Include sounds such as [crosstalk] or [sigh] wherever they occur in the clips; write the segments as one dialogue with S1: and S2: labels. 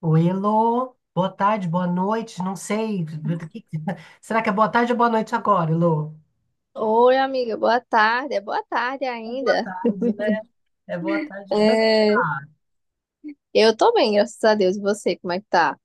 S1: O Elo, boa tarde, boa noite, não sei. Que- [laughs] Será que é boa tarde ou boa noite agora, Elo?
S2: Oi, amiga, boa tarde. É boa tarde
S1: É boa
S2: ainda.
S1: tarde, né? É boa tarde. Como é que você
S2: É,
S1: tá?
S2: eu tô bem, graças a Deus. E você, como é que tá?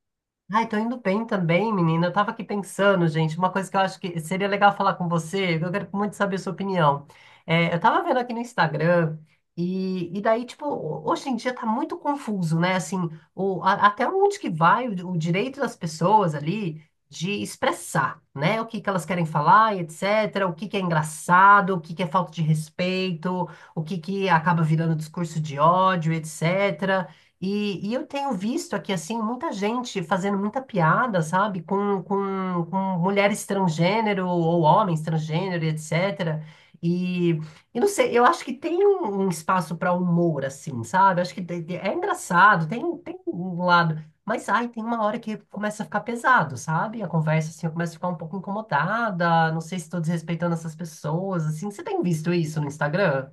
S1: Ai, tô indo bem também, menina. Eu tava aqui pensando, gente, uma coisa que eu acho que seria legal falar com você, eu quero muito saber a sua opinião. É, eu tava vendo aqui no Instagram, e daí, tipo, hoje em dia tá muito confuso, né? Assim, até onde que vai o direito das pessoas ali de expressar, né? O que que elas querem falar e etc. O que que é engraçado, o que que é falta de respeito, o que que acaba virando discurso de ódio, etc. E eu tenho visto aqui, assim, muita gente fazendo muita piada, sabe, com mulheres transgênero ou homens transgênero, e etc. E, e não sei, eu acho que tem um espaço para humor, assim, sabe? Acho que é engraçado, tem um lado. Mas, ai, tem uma hora que começa a ficar pesado, sabe? A conversa, assim, eu começo a ficar um pouco incomodada, não sei se estou desrespeitando essas pessoas, assim. Você tem visto isso no Instagram?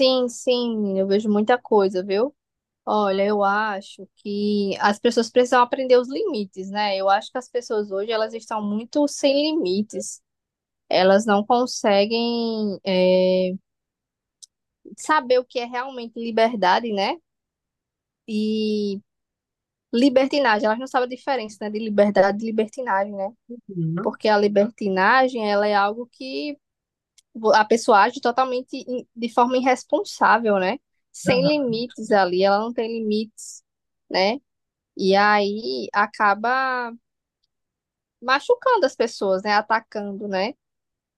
S2: Sim, eu vejo muita coisa, viu? Olha, eu acho que as pessoas precisam aprender os limites, né? Eu acho que as pessoas hoje elas estão muito sem limites. Elas não conseguem saber o que é realmente liberdade, né? E libertinagem. Elas não sabem a diferença, né, de liberdade e libertinagem, né?
S1: Uhum.
S2: Porque a libertinagem ela é algo que a pessoa age totalmente de forma irresponsável, né? Sem
S1: Aham.
S2: limites ali, ela não tem limites, né? E aí acaba machucando as pessoas, né? Atacando, né?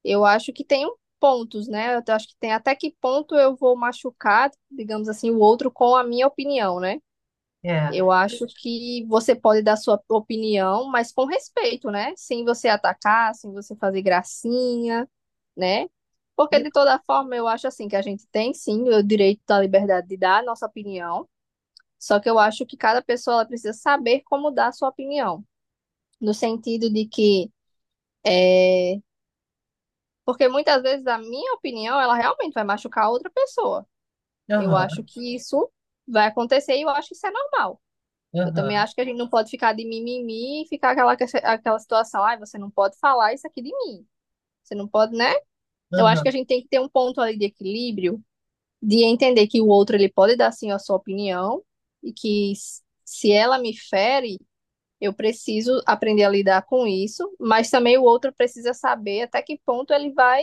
S2: Eu acho que pontos, né? Eu acho que tem até que ponto eu vou machucar, digamos assim, o outro com a minha opinião, né? Eu
S1: É.
S2: acho que você pode dar sua opinião, mas com respeito, né? Sem você atacar, sem você fazer gracinha, né? Porque
S1: E-.
S2: de toda forma eu acho assim que a gente tem sim o direito da liberdade de dar a nossa opinião, só que eu acho que cada pessoa ela precisa saber como dar a sua opinião, no sentido de que é... porque muitas vezes a minha opinião ela realmente vai machucar a outra pessoa. Eu acho
S1: Aham,
S2: que isso vai acontecer e eu acho que isso é normal. Eu também
S1: aham.
S2: acho que a gente não pode ficar de mimimi e ficar aquela situação, ai, você não pode falar isso aqui de mim. Você não pode, né? Eu acho que a
S1: Aham.
S2: gente tem que ter um ponto ali de equilíbrio de entender que o outro ele pode dar sim a sua opinião e que se ela me fere, eu preciso aprender a lidar com isso, mas também o outro precisa saber até que ponto ele vai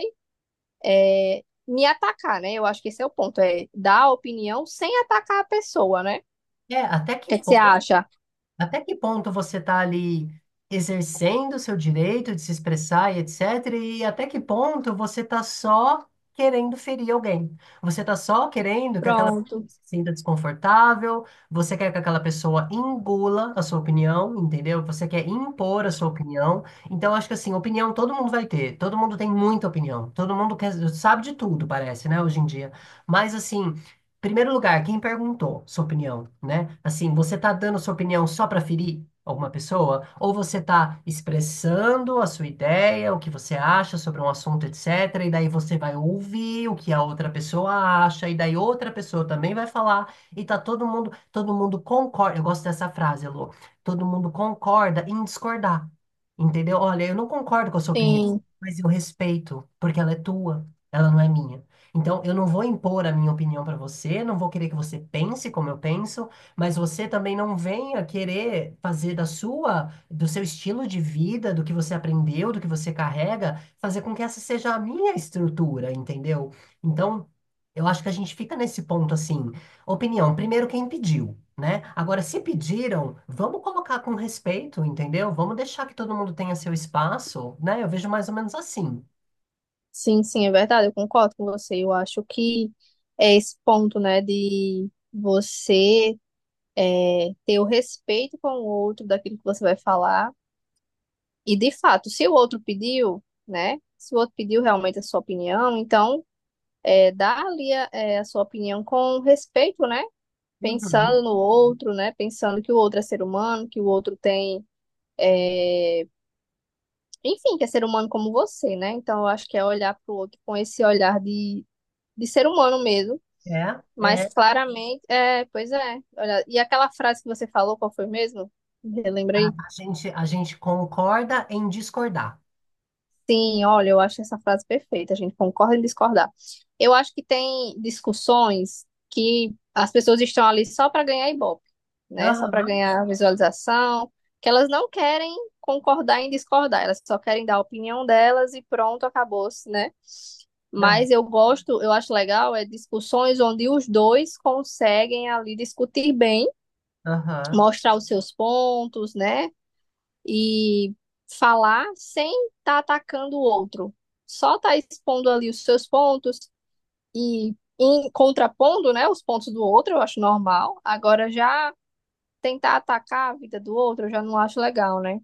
S2: me atacar, né? Eu acho que esse é o ponto, é dar a opinião sem atacar a pessoa, né? O
S1: É,
S2: que é que você acha?
S1: até que ponto você está ali exercendo o seu direito de se expressar e etc. E até que ponto você está só querendo ferir alguém. Você está só querendo que aquela pessoa
S2: Pronto,
S1: se sinta desconfortável, você quer que aquela pessoa engula a sua opinião, entendeu? Você quer impor a sua opinião. Então, acho que assim, opinião todo mundo vai ter, todo mundo tem muita opinião, todo mundo quer, sabe de tudo, parece, né, hoje em dia. Mas assim. Primeiro lugar, quem perguntou sua opinião, né? Assim, você tá dando sua opinião só para ferir alguma pessoa? Ou você tá expressando a sua ideia, o que você acha sobre um assunto, etc. E daí você vai ouvir o que a outra pessoa acha, e daí outra pessoa também vai falar, e tá todo mundo concorda. Eu gosto dessa frase, Lu. Todo mundo concorda em discordar. Entendeu? Olha, eu não concordo com a sua opinião,
S2: sim,
S1: mas eu respeito, porque ela é tua, ela não é minha. Então, eu não vou impor a minha opinião para você, não vou querer que você pense como eu penso, mas você também não venha querer fazer da sua, do seu estilo de vida, do que você aprendeu, do que você carrega, fazer com que essa seja a minha estrutura, entendeu? Então, eu acho que a gente fica nesse ponto assim, opinião, primeiro quem pediu. Né? Agora, se pediram, vamos colocar com respeito, entendeu? Vamos deixar que todo mundo tenha seu espaço, né? Eu vejo mais ou menos assim.
S2: sim, é verdade, eu concordo com você. Eu acho que é esse ponto, né, de você ter o respeito com o outro daquilo que você vai falar. E de fato, se o outro pediu, né? Se o outro pediu realmente a sua opinião, então, dá ali a sua opinião com respeito, né?
S1: Uhum.
S2: Pensando no outro, né? Pensando que o outro é ser humano, que o outro tem, enfim, que é ser humano como você, né? Então eu acho que é olhar para o outro com esse de ser humano mesmo,
S1: É,
S2: mas
S1: é.
S2: claramente, é, pois é. Olha, e aquela frase que você falou, qual foi mesmo? Relembra aí.
S1: A gente concorda em discordar.
S2: Sim, olha, eu acho essa frase perfeita. A gente concorda em discordar. Eu acho que tem discussões que as pessoas estão ali só para ganhar ibope, né? Só para
S1: Aham,
S2: ganhar visualização, que elas não querem concordar em discordar, elas só querem dar a opinião delas e pronto, acabou-se, né?
S1: ah,
S2: Mas eu gosto, eu acho legal, é discussões onde os dois conseguem ali discutir bem,
S1: aham.
S2: mostrar os seus pontos, né? E falar sem estar atacando o outro. Só tá expondo ali os seus pontos e contrapondo, né, os pontos do outro, eu acho normal. Agora já tentar atacar a vida do outro, eu já não acho legal, né?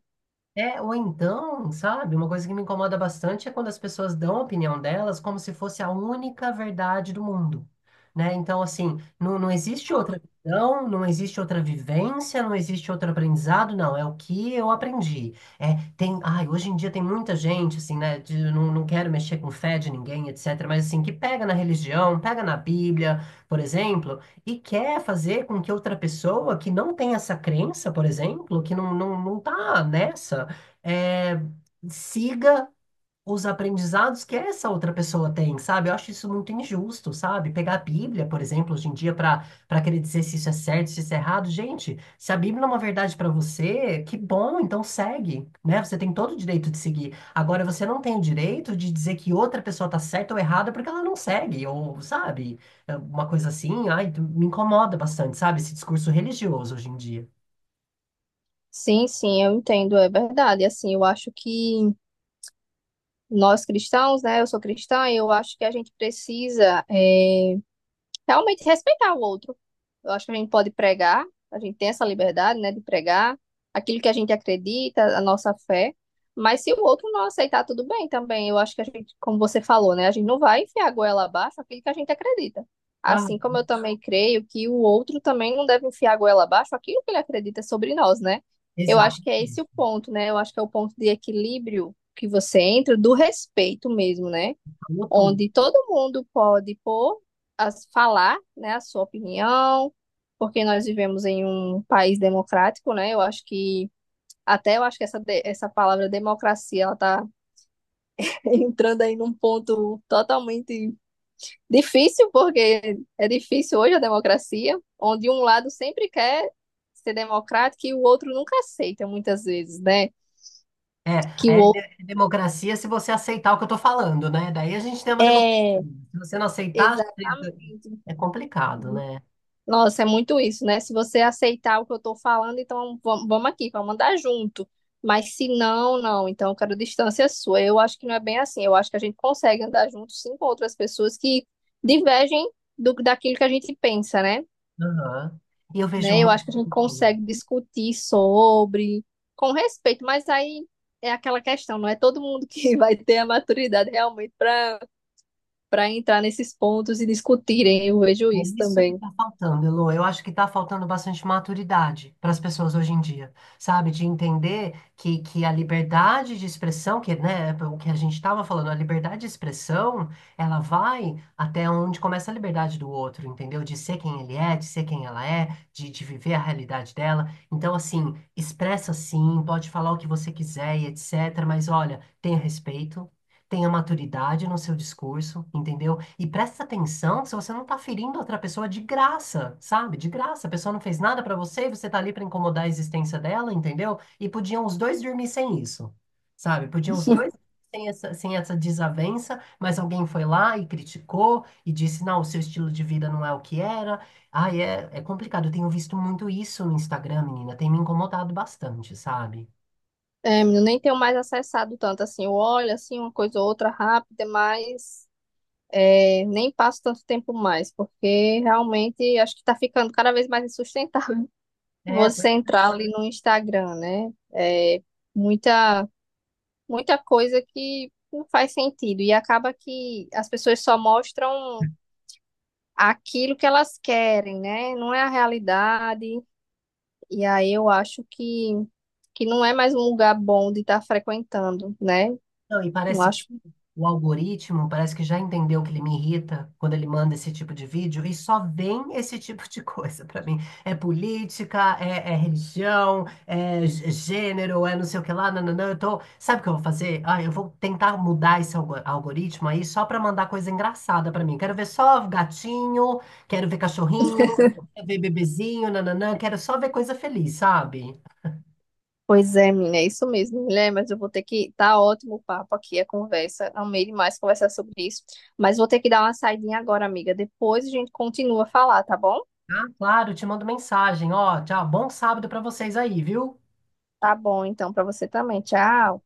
S1: É, ou então, sabe, uma coisa que me incomoda bastante é quando as pessoas dão a opinião delas como se fosse a única verdade do mundo, né? Então, assim, não, não existe outra visão, não existe outra vivência, não existe outro aprendizado, não, é o que eu aprendi. É, tem, ai, hoje em dia tem muita gente, assim, né, de, não, não quero mexer com fé de ninguém, etc., mas, assim, que pega na religião, pega na Bíblia, por exemplo, e quer fazer com que outra pessoa que não tem essa crença, por exemplo, que não, não tá nessa, é, siga os aprendizados que essa outra pessoa tem, sabe? Eu acho isso muito injusto, sabe? Pegar a Bíblia, por exemplo, hoje em dia, para querer dizer se isso é certo, se isso é errado. Gente, se a Bíblia é uma verdade para você, que bom, então segue, né? Você tem todo o direito de seguir. Agora, você não tem o direito de dizer que outra pessoa tá certa ou errada porque ela não segue, ou, sabe? É uma coisa assim, ai, me incomoda bastante, sabe? Esse discurso religioso hoje em dia.
S2: Sim, eu entendo, é verdade. Assim, eu acho que nós cristãos, né, eu sou cristã, eu acho que a gente precisa, é, realmente respeitar o outro. Eu acho que a gente pode pregar, a gente tem essa liberdade, né, de pregar aquilo que a gente acredita, a nossa fé, mas se o outro não aceitar, tudo bem também. Eu acho que a gente, como você falou, né, a gente não vai enfiar a goela abaixo aquilo que a gente acredita.
S1: Ah,
S2: Assim como eu também creio que o outro também não deve enfiar a goela abaixo aquilo que ele acredita sobre nós, né? Eu
S1: exato.
S2: acho que é esse o ponto, né? Eu acho que é o ponto de equilíbrio que você entra do respeito mesmo, né?
S1: Falou tudo.
S2: Onde todo mundo pode pôr, as, falar, né, a sua opinião, porque nós vivemos em um país democrático, né? Eu acho que essa, essa palavra democracia ela tá [laughs] entrando aí num ponto totalmente difícil, porque é difícil hoje a democracia, onde um lado sempre quer ser democrático e o outro nunca aceita muitas vezes, né?
S1: É,
S2: Que o outro
S1: é democracia se você aceitar o que eu estou falando, né? Daí a gente tem uma democracia.
S2: é,
S1: Se você não aceitar,
S2: exatamente.
S1: é complicado, né?
S2: Nossa, é muito isso, né? Se você aceitar o que eu tô falando, então vamos aqui, vamos andar junto. Mas se não, não, então eu quero distância sua. Eu acho que não é bem assim. Eu acho que a gente consegue andar junto sim com outras pessoas que divergem do daquilo que a gente pensa, né?
S1: Aham. E eu vejo
S2: Né? Eu acho que a gente
S1: muito.
S2: consegue discutir sobre, com respeito, mas aí é aquela questão, não é todo mundo que [laughs] vai ter a maturidade realmente para entrar nesses pontos e discutirem. Eu vejo
S1: É
S2: isso
S1: isso que
S2: também.
S1: está faltando, Elô. Eu acho que está faltando bastante maturidade para as pessoas hoje em dia, sabe? De entender que a liberdade de expressão, que, né, o que a gente estava falando, a liberdade de expressão, ela vai até onde começa a liberdade do outro, entendeu? De ser quem ele é, de ser quem ela é, de viver a realidade dela. Então, assim, expressa sim, pode falar o que você quiser e etc. Mas olha, tenha respeito tenha maturidade no seu discurso, entendeu? E presta atenção se você não tá ferindo outra pessoa de graça, sabe? De graça, a pessoa não fez nada pra você e você tá ali pra incomodar a existência dela, entendeu? E podiam os dois dormir sem isso, sabe? Podiam os dois sem essa, sem essa desavença, mas alguém foi lá e criticou e disse, não, o seu estilo de vida não é o que era. Ai, é, é complicado. Eu tenho visto muito isso no Instagram, menina. Tem me incomodado bastante, sabe?
S2: É, menino, nem tenho mais acessado tanto assim. Eu olho assim uma coisa ou outra rápida, mas é, nem passo tanto tempo mais, porque realmente acho que está ficando cada vez mais insustentável [laughs]
S1: É,
S2: você
S1: pois-.
S2: entrar ali no Instagram, né? É, muita, muita coisa que não faz sentido e acaba que as pessoas só mostram aquilo que elas querem, né? Não é a realidade. E aí eu acho que não é mais um lugar bom de estar frequentando, né?
S1: Não, e
S2: Não
S1: parece que
S2: acho.
S1: o algoritmo parece que já entendeu que ele me irrita quando ele manda esse tipo de vídeo e só vem esse tipo de coisa pra mim. É política, é religião, gênero, é não sei o que lá, nananã. Eu tô... Sabe o que eu vou fazer? Ah, eu vou tentar mudar esse algoritmo aí só pra mandar coisa engraçada pra mim. Quero ver só gatinho, quero ver cachorrinho, quero ver bebezinho, nananã. Quero só ver coisa feliz, sabe?
S2: Pois é, menina, é isso mesmo, mulher, mas eu vou ter que. Tá ótimo o papo aqui, a conversa. Amei demais conversar sobre isso. Mas vou ter que dar uma saidinha agora, amiga. Depois a gente continua a falar, tá bom?
S1: Ah, claro, te mando mensagem. Ó, tchau, bom sábado pra vocês aí, viu?
S2: Tá bom, então, pra você também. Tchau.